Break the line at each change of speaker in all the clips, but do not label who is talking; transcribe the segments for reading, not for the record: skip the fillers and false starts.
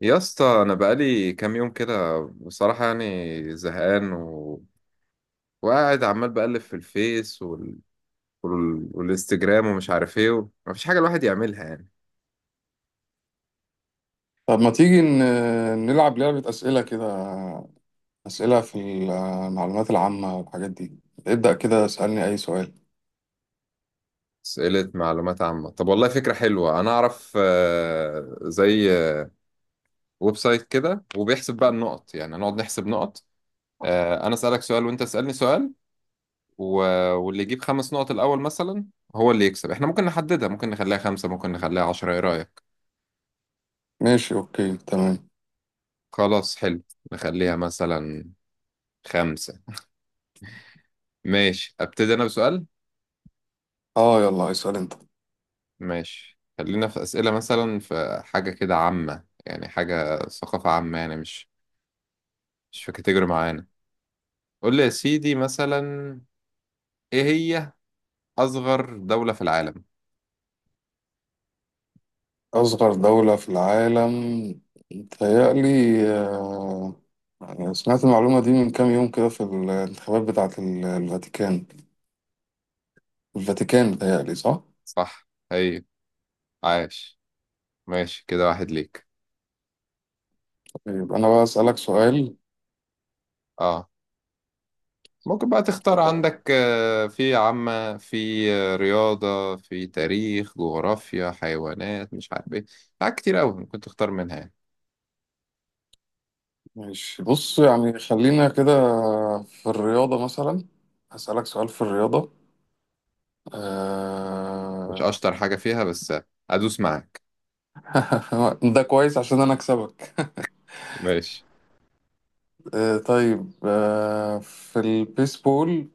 يا اسطى، انا بقالي كام يوم كده، بصراحه يعني زهقان، وقاعد عمال بقلب في الفيس والانستجرام ومش عارف ايه، مفيش حاجه الواحد يعملها يعني.
طب ما تيجي نلعب لعبة أسئلة كده، أسئلة في المعلومات العامة والحاجات دي. ابدأ كده، اسألني أي سؤال.
اسئله معلومات عامه؟ طب والله فكره حلوه، انا اعرف زي ويب سايت كده وبيحسب بقى النقط، يعني نقعد نحسب نقط. انا اسالك سؤال وانت اسالني سؤال، و... واللي يجيب خمس نقط الاول مثلا هو اللي يكسب. احنا ممكن نحددها، ممكن نخليها خمسة، ممكن نخليها 10. ايه رايك؟
ماشي، أوكي، تمام.
خلاص، حلو. نخليها مثلا خمسة. ماشي، أبتدي أنا بسؤال.
يلا اسأل أنت.
ماشي، خلينا في أسئلة مثلا في حاجة كده عامة، يعني حاجة ثقافة عامة، يعني مش في كاتيجوري معينة. قول لي يا سيدي مثلا، إيه هي أصغر دولة في العالم؟
أصغر دولة في العالم، متهيألي آه، سمعت المعلومة دي من كام يوم كده في الانتخابات بتاعة الفاتيكان. الفاتيكان، متهيألي صح؟
صح، هي. عاش. ماشي كده، واحد ليك.
يبقى أنا بقى أسألك سؤال.
اه، ممكن بقى تختار، عندك في عامة، في رياضة، في تاريخ، جغرافيا، حيوانات، مش عارف ايه، حاجات كتير أوي ممكن تختار منها يعني.
ماشي، بص يعني خلينا كده في الرياضة مثلا. هسألك سؤال في الرياضة.
مش
آه...
أشطر حاجة فيها، بس أدوس معاك.
ده كويس عشان انا اكسبك.
ماشي.
طيب، في البيسبول،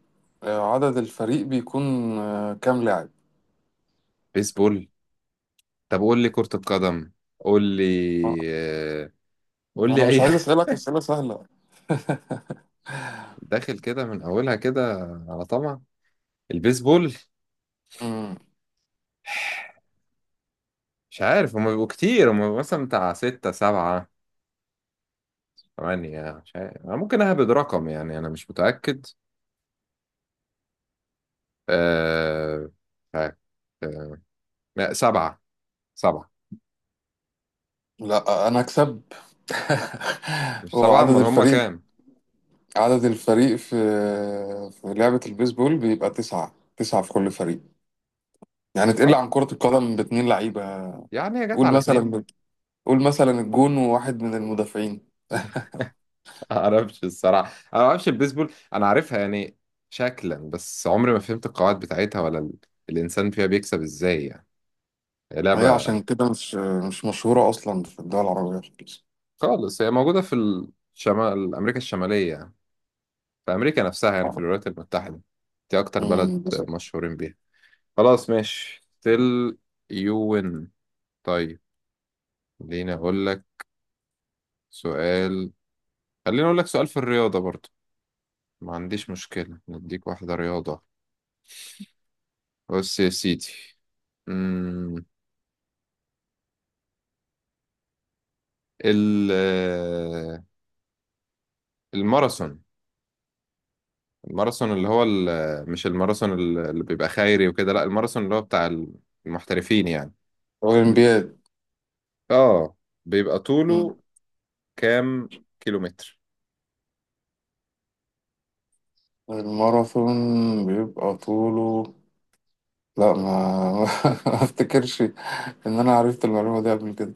عدد الفريق بيكون كام لاعب؟
بيسبول؟ طب قول لي كرة القدم. قول لي
آه،
آه، قول
ما انا
لي
مش
اي
عايز
حاجة.
اسالك اسئله سهله.
داخل كده من اولها كده، على طمع. البيسبول،
مم.
مش عارف، هما بيبقوا كتير، هما بيبقوا مثلا بتاع ستة سبعة ثمانية، مش عارف. أنا ممكن أهبد رقم يعني، أنا مش متأكد. أه... مش عارف. أه... لا، سبعة، سبعة.
لا انا اكسب.
مش
هو
سبعة؟
عدد
أمال هما
الفريق،
كام؟
عدد الفريق في في لعبة البيسبول بيبقى تسعة. تسعة في كل فريق، يعني تقل
طب
عن كرة القدم باتنين لعيبة.
يعني هي جت
قول
على اتنين.
مثلا، قول مثلا الجون وواحد من المدافعين.
اعرفش الصراحه، انا ما اعرفش البيسبول، انا عارفها يعني شكلا، بس عمري ما فهمت القواعد بتاعتها ولا الانسان فيها بيكسب ازاي يعني. هي
هي
لعبه.
عشان كده مش مش مشهورة أصلا في الدول العربية خالص.
خالص، هي موجوده في امريكا الشماليه، يعني في امريكا نفسها، يعني في الولايات المتحده. دي اكتر بلد
بالظبط.
مشهورين بيها. خلاص ماشي. تل يوين. طيب. خليني اقول لك سؤال خليني اقول لك سؤال في الرياضه برضو. ما عنديش مشكله، نديك واحده رياضه. بص يا سيدي، ال- آه، الماراثون. الماراثون اللي هو مش الماراثون اللي بيبقى خيري وكده، لا، الماراثون اللي هو بتاع المحترفين يعني. ب-
أولمبياد.
اه، بيبقى
أمم،
طوله كام كيلومتر؟
الماراثون بيبقى طوله، لا ما ما افتكرش ان انا عرفت المعلومه دي قبل كده،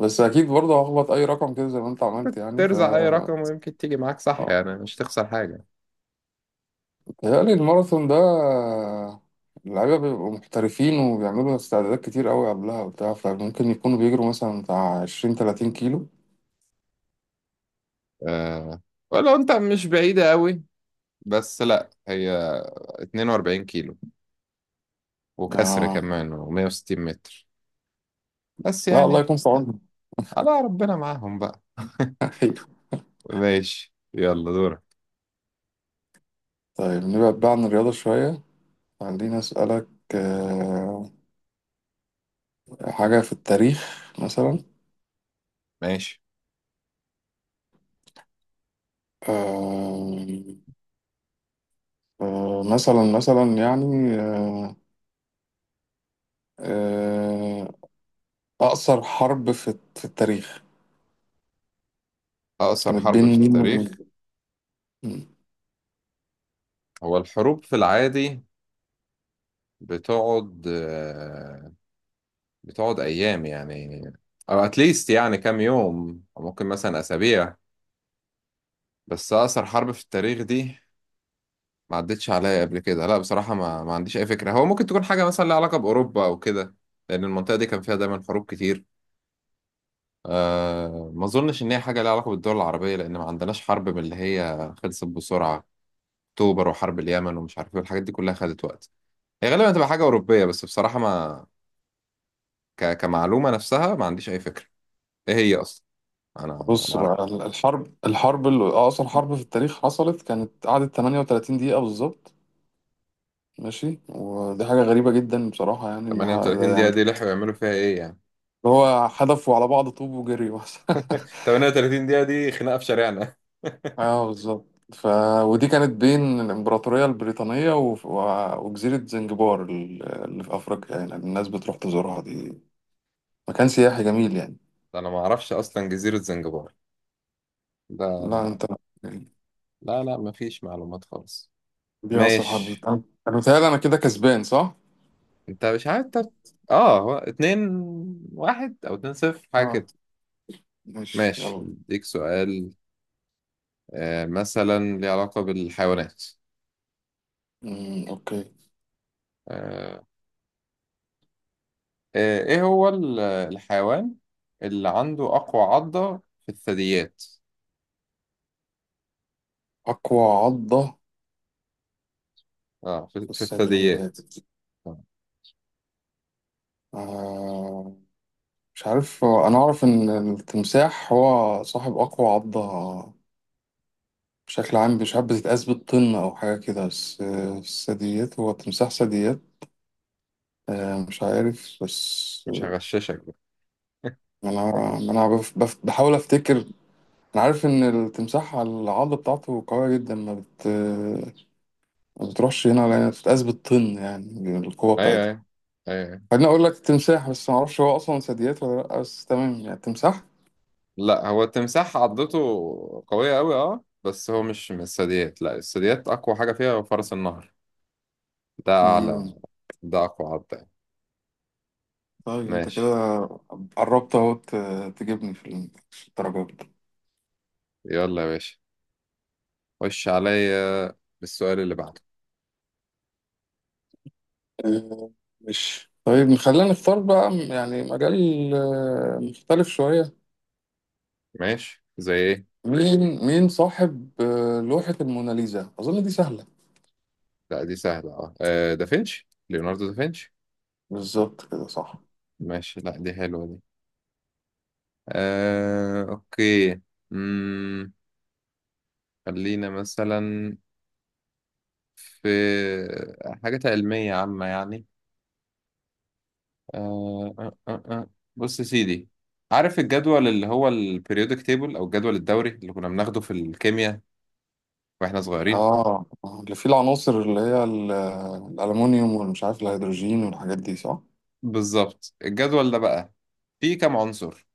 بس اكيد برضه هخبط اي رقم كده زي ما انت عملت يعني.
ترزع اي رقم، ويمكن تيجي معاك صح،
آه.
يعني مش تخسر حاجة.
بيتهيألي الماراثون ده اللعيبه بيبقوا محترفين وبيعملوا استعدادات كتير قوي قبلها وبتاع، فممكن يكونوا بيجروا مثلا بتاع 20 30 كيلو.
آه، ولو انت مش بعيدة قوي، بس لا، هي 42 كيلو وكسر،
آه.
كمان و160 متر. بس
لا الله
يعني
يكون في
آه،
عونهم.
على ربنا معاهم بقى ماشي يلا دورك.
طيب، نبعد بقى عن الرياضة شوية. خليني أسألك آه، حاجة في التاريخ مثلا.
ماشي.
آه، مثلا مثلا آه، أقصر حرب في في التاريخ
أقصر
كانت
حرب في
بين مين
التاريخ.
ومين؟ مم.
هو الحروب في العادي بتقعد آه، بتقعد أيام يعني، أو أتليست يعني كام يوم، أو ممكن مثلا أسابيع. بس أقصر حرب في التاريخ دي، ما عدتش عليا قبل كده، لا بصراحة ما عنديش أي فكرة. هو ممكن تكون حاجة مثلا لها علاقة بأوروبا أو كده، لأن المنطقة دي كان فيها دايما حروب كتير. أه، ما أظنش إن هي حاجة لها علاقة بالدول العربية، لأن ما عندناش حرب من اللي هي خلصت بسرعة. أكتوبر وحرب اليمن ومش عارف إيه، الحاجات دي كلها خدت وقت. هي غالبا هتبقى حاجة أوروبية، بس بصراحة، ما كمعلومة نفسها ما عنديش أي فكرة إيه هي أصلا. أنا ما
بص
أعرفش.
بقى الحرب، الحرب اللي أقصر حرب في التاريخ حصلت، كانت قعدت 38 دقيقة بالظبط. ماشي، ودي حاجة غريبة جدا بصراحة، يعني إن
38 دقيقة
يعني
دي لحقوا يعملوا فيها إيه يعني؟
هو حدفوا على بعض طوب وجري بس.
38 دقيقة دي خناقة في شارعنا.
اه بالظبط. ف... ودي كانت بين الإمبراطورية البريطانية وجزيرة زنجبار اللي في أفريقيا، يعني الناس بتروح تزورها دي، مكان سياحي جميل يعني.
أنا ما أعرفش أصلا جزيرة زنجبار
لا
ده.
أنت،
لا لا، ما فيش معلومات خالص.
دي أصل حرب.
ماشي.
أنا متهيألي أنا كده كسبان صح؟
أنت مش عارف أنت. آه، هو 2 واحد أو 2 صفر حاجة
اه،
كده.
ماشي،
ماشي،
يلا.
أديك سؤال. آه، مثلا ليه علاقة بالحيوانات.
أوكي.
آه، ايه هو الحيوان اللي عنده اقوى عضة في الثدييات.
أقوى عضة
اه، في,
في
في
الثدييات.
الثدييات. آه،
آه... مش عارف، أنا أعرف إن التمساح هو صاحب أقوى عضة بشكل عام، مش عارف بتتقاس بالطن أو حاجة كده، بس الثدييات، هو تمساح ثدييات؟ مش عارف، بس
مش هغششك بقى.
أنا ما أنا بحاول أفتكر. أنا عارف إن التمساح العضة بتاعته قوية جدا، ما بت آه، ما بتروحش هنا ولا هنا، بتتقاس بالطن يعني القوة
ايوه
بتاعتها.
ايوه ايوه.
خليني أقول لك التمساح، بس ما أعرفش هو أصلا ثدييات ولا لأ، بس تمام يعني التمساح.
لا، هو التمساح عضته قوية قوي، اه، بس هو مش من الثدييات. لا، الثدييات اقوى حاجة فيها هو فرس النهر. ده اعلى.
مم.
ده اقوى عضة يعني.
طيب أنت كده
ماشي.
قربت أهو تجيبني في الدرجات.
يلا يا باشا، خش عليا بالسؤال اللي بعده.
آه، مش، طيب خلينا نختار بقى يعني مجال مختلف شوية.
ماشي، زي ايه؟
مين، مين صاحب لوحة الموناليزا؟ أظن دي سهلة.
لا دي سهلة، اه، دافنشي، ليوناردو دافنشي.
بالظبط كده، صح.
ماشي. لا دي حلوة دي. أوكي. مم، خلينا مثلا في حاجات علمية عامة يعني. آه، آه، آه، آه. بص يا سيدي، عارف الجدول اللي هو البريودك تيبل، أو الجدول الدوري اللي كنا بناخده في الكيمياء وإحنا صغيرين؟
اه، اللي فيه العناصر اللي هي الألمونيوم والمش عارف الهيدروجين والحاجات دي صح؟
بالظبط. الجدول ده بقى فيه كام عنصر؟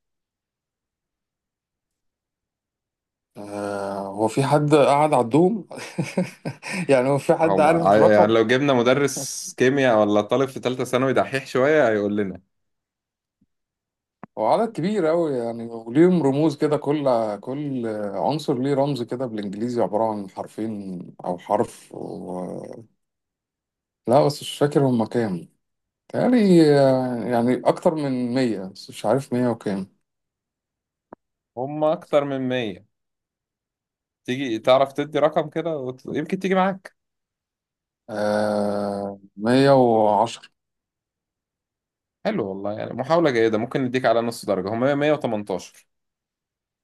هو في حد قاعد على الدوم؟ يعني هو في حد
هم
عارف
يعني
الرقم؟
لو جبنا مدرس كيمياء ولا طالب في تالتة ثانوي دحيح شوية، هيقول لنا.
هو عدد كبير أوي يعني، وليهم رموز كده، كل كل عنصر ليه رمز كده بالإنجليزي عبارة عن حرفين أو حرف لا بس مش فاكر هما كام. تهيألي يعني أكتر من 100، بس مش عارف 100 وكام.
هم أكتر من 100. تيجي تعرف تدي رقم كده، يمكن تيجي معاك.
آه، 110.
حلو والله، يعني محاولة جيدة، ممكن نديك على نص درجة. هم 118.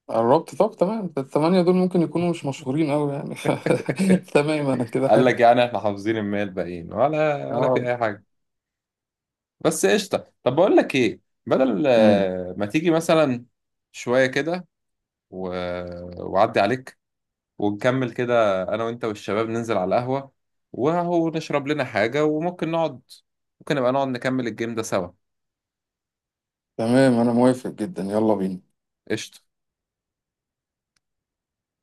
قربت، طب تمام، الثمانية دول ممكن يكونوا مش مشهورين أوي يعني. تمام، أنا كده
قال
حلو.
لك يعني احنا حافظين الـ100 الباقيين ولا في
اه.
أي حاجة. بس قشطة. طب بقول لك إيه، بدل
أمم،
ما تيجي مثلا شوية كده، و... وعدي عليك، ونكمل كده، أنا وأنت والشباب ننزل على القهوة، وهو نشرب لنا حاجة، وممكن نقعد، ممكن نبقى نقعد نكمل الجيم ده سوا.
تمام أنا موافق جدا، يلا بينا.
قشطة.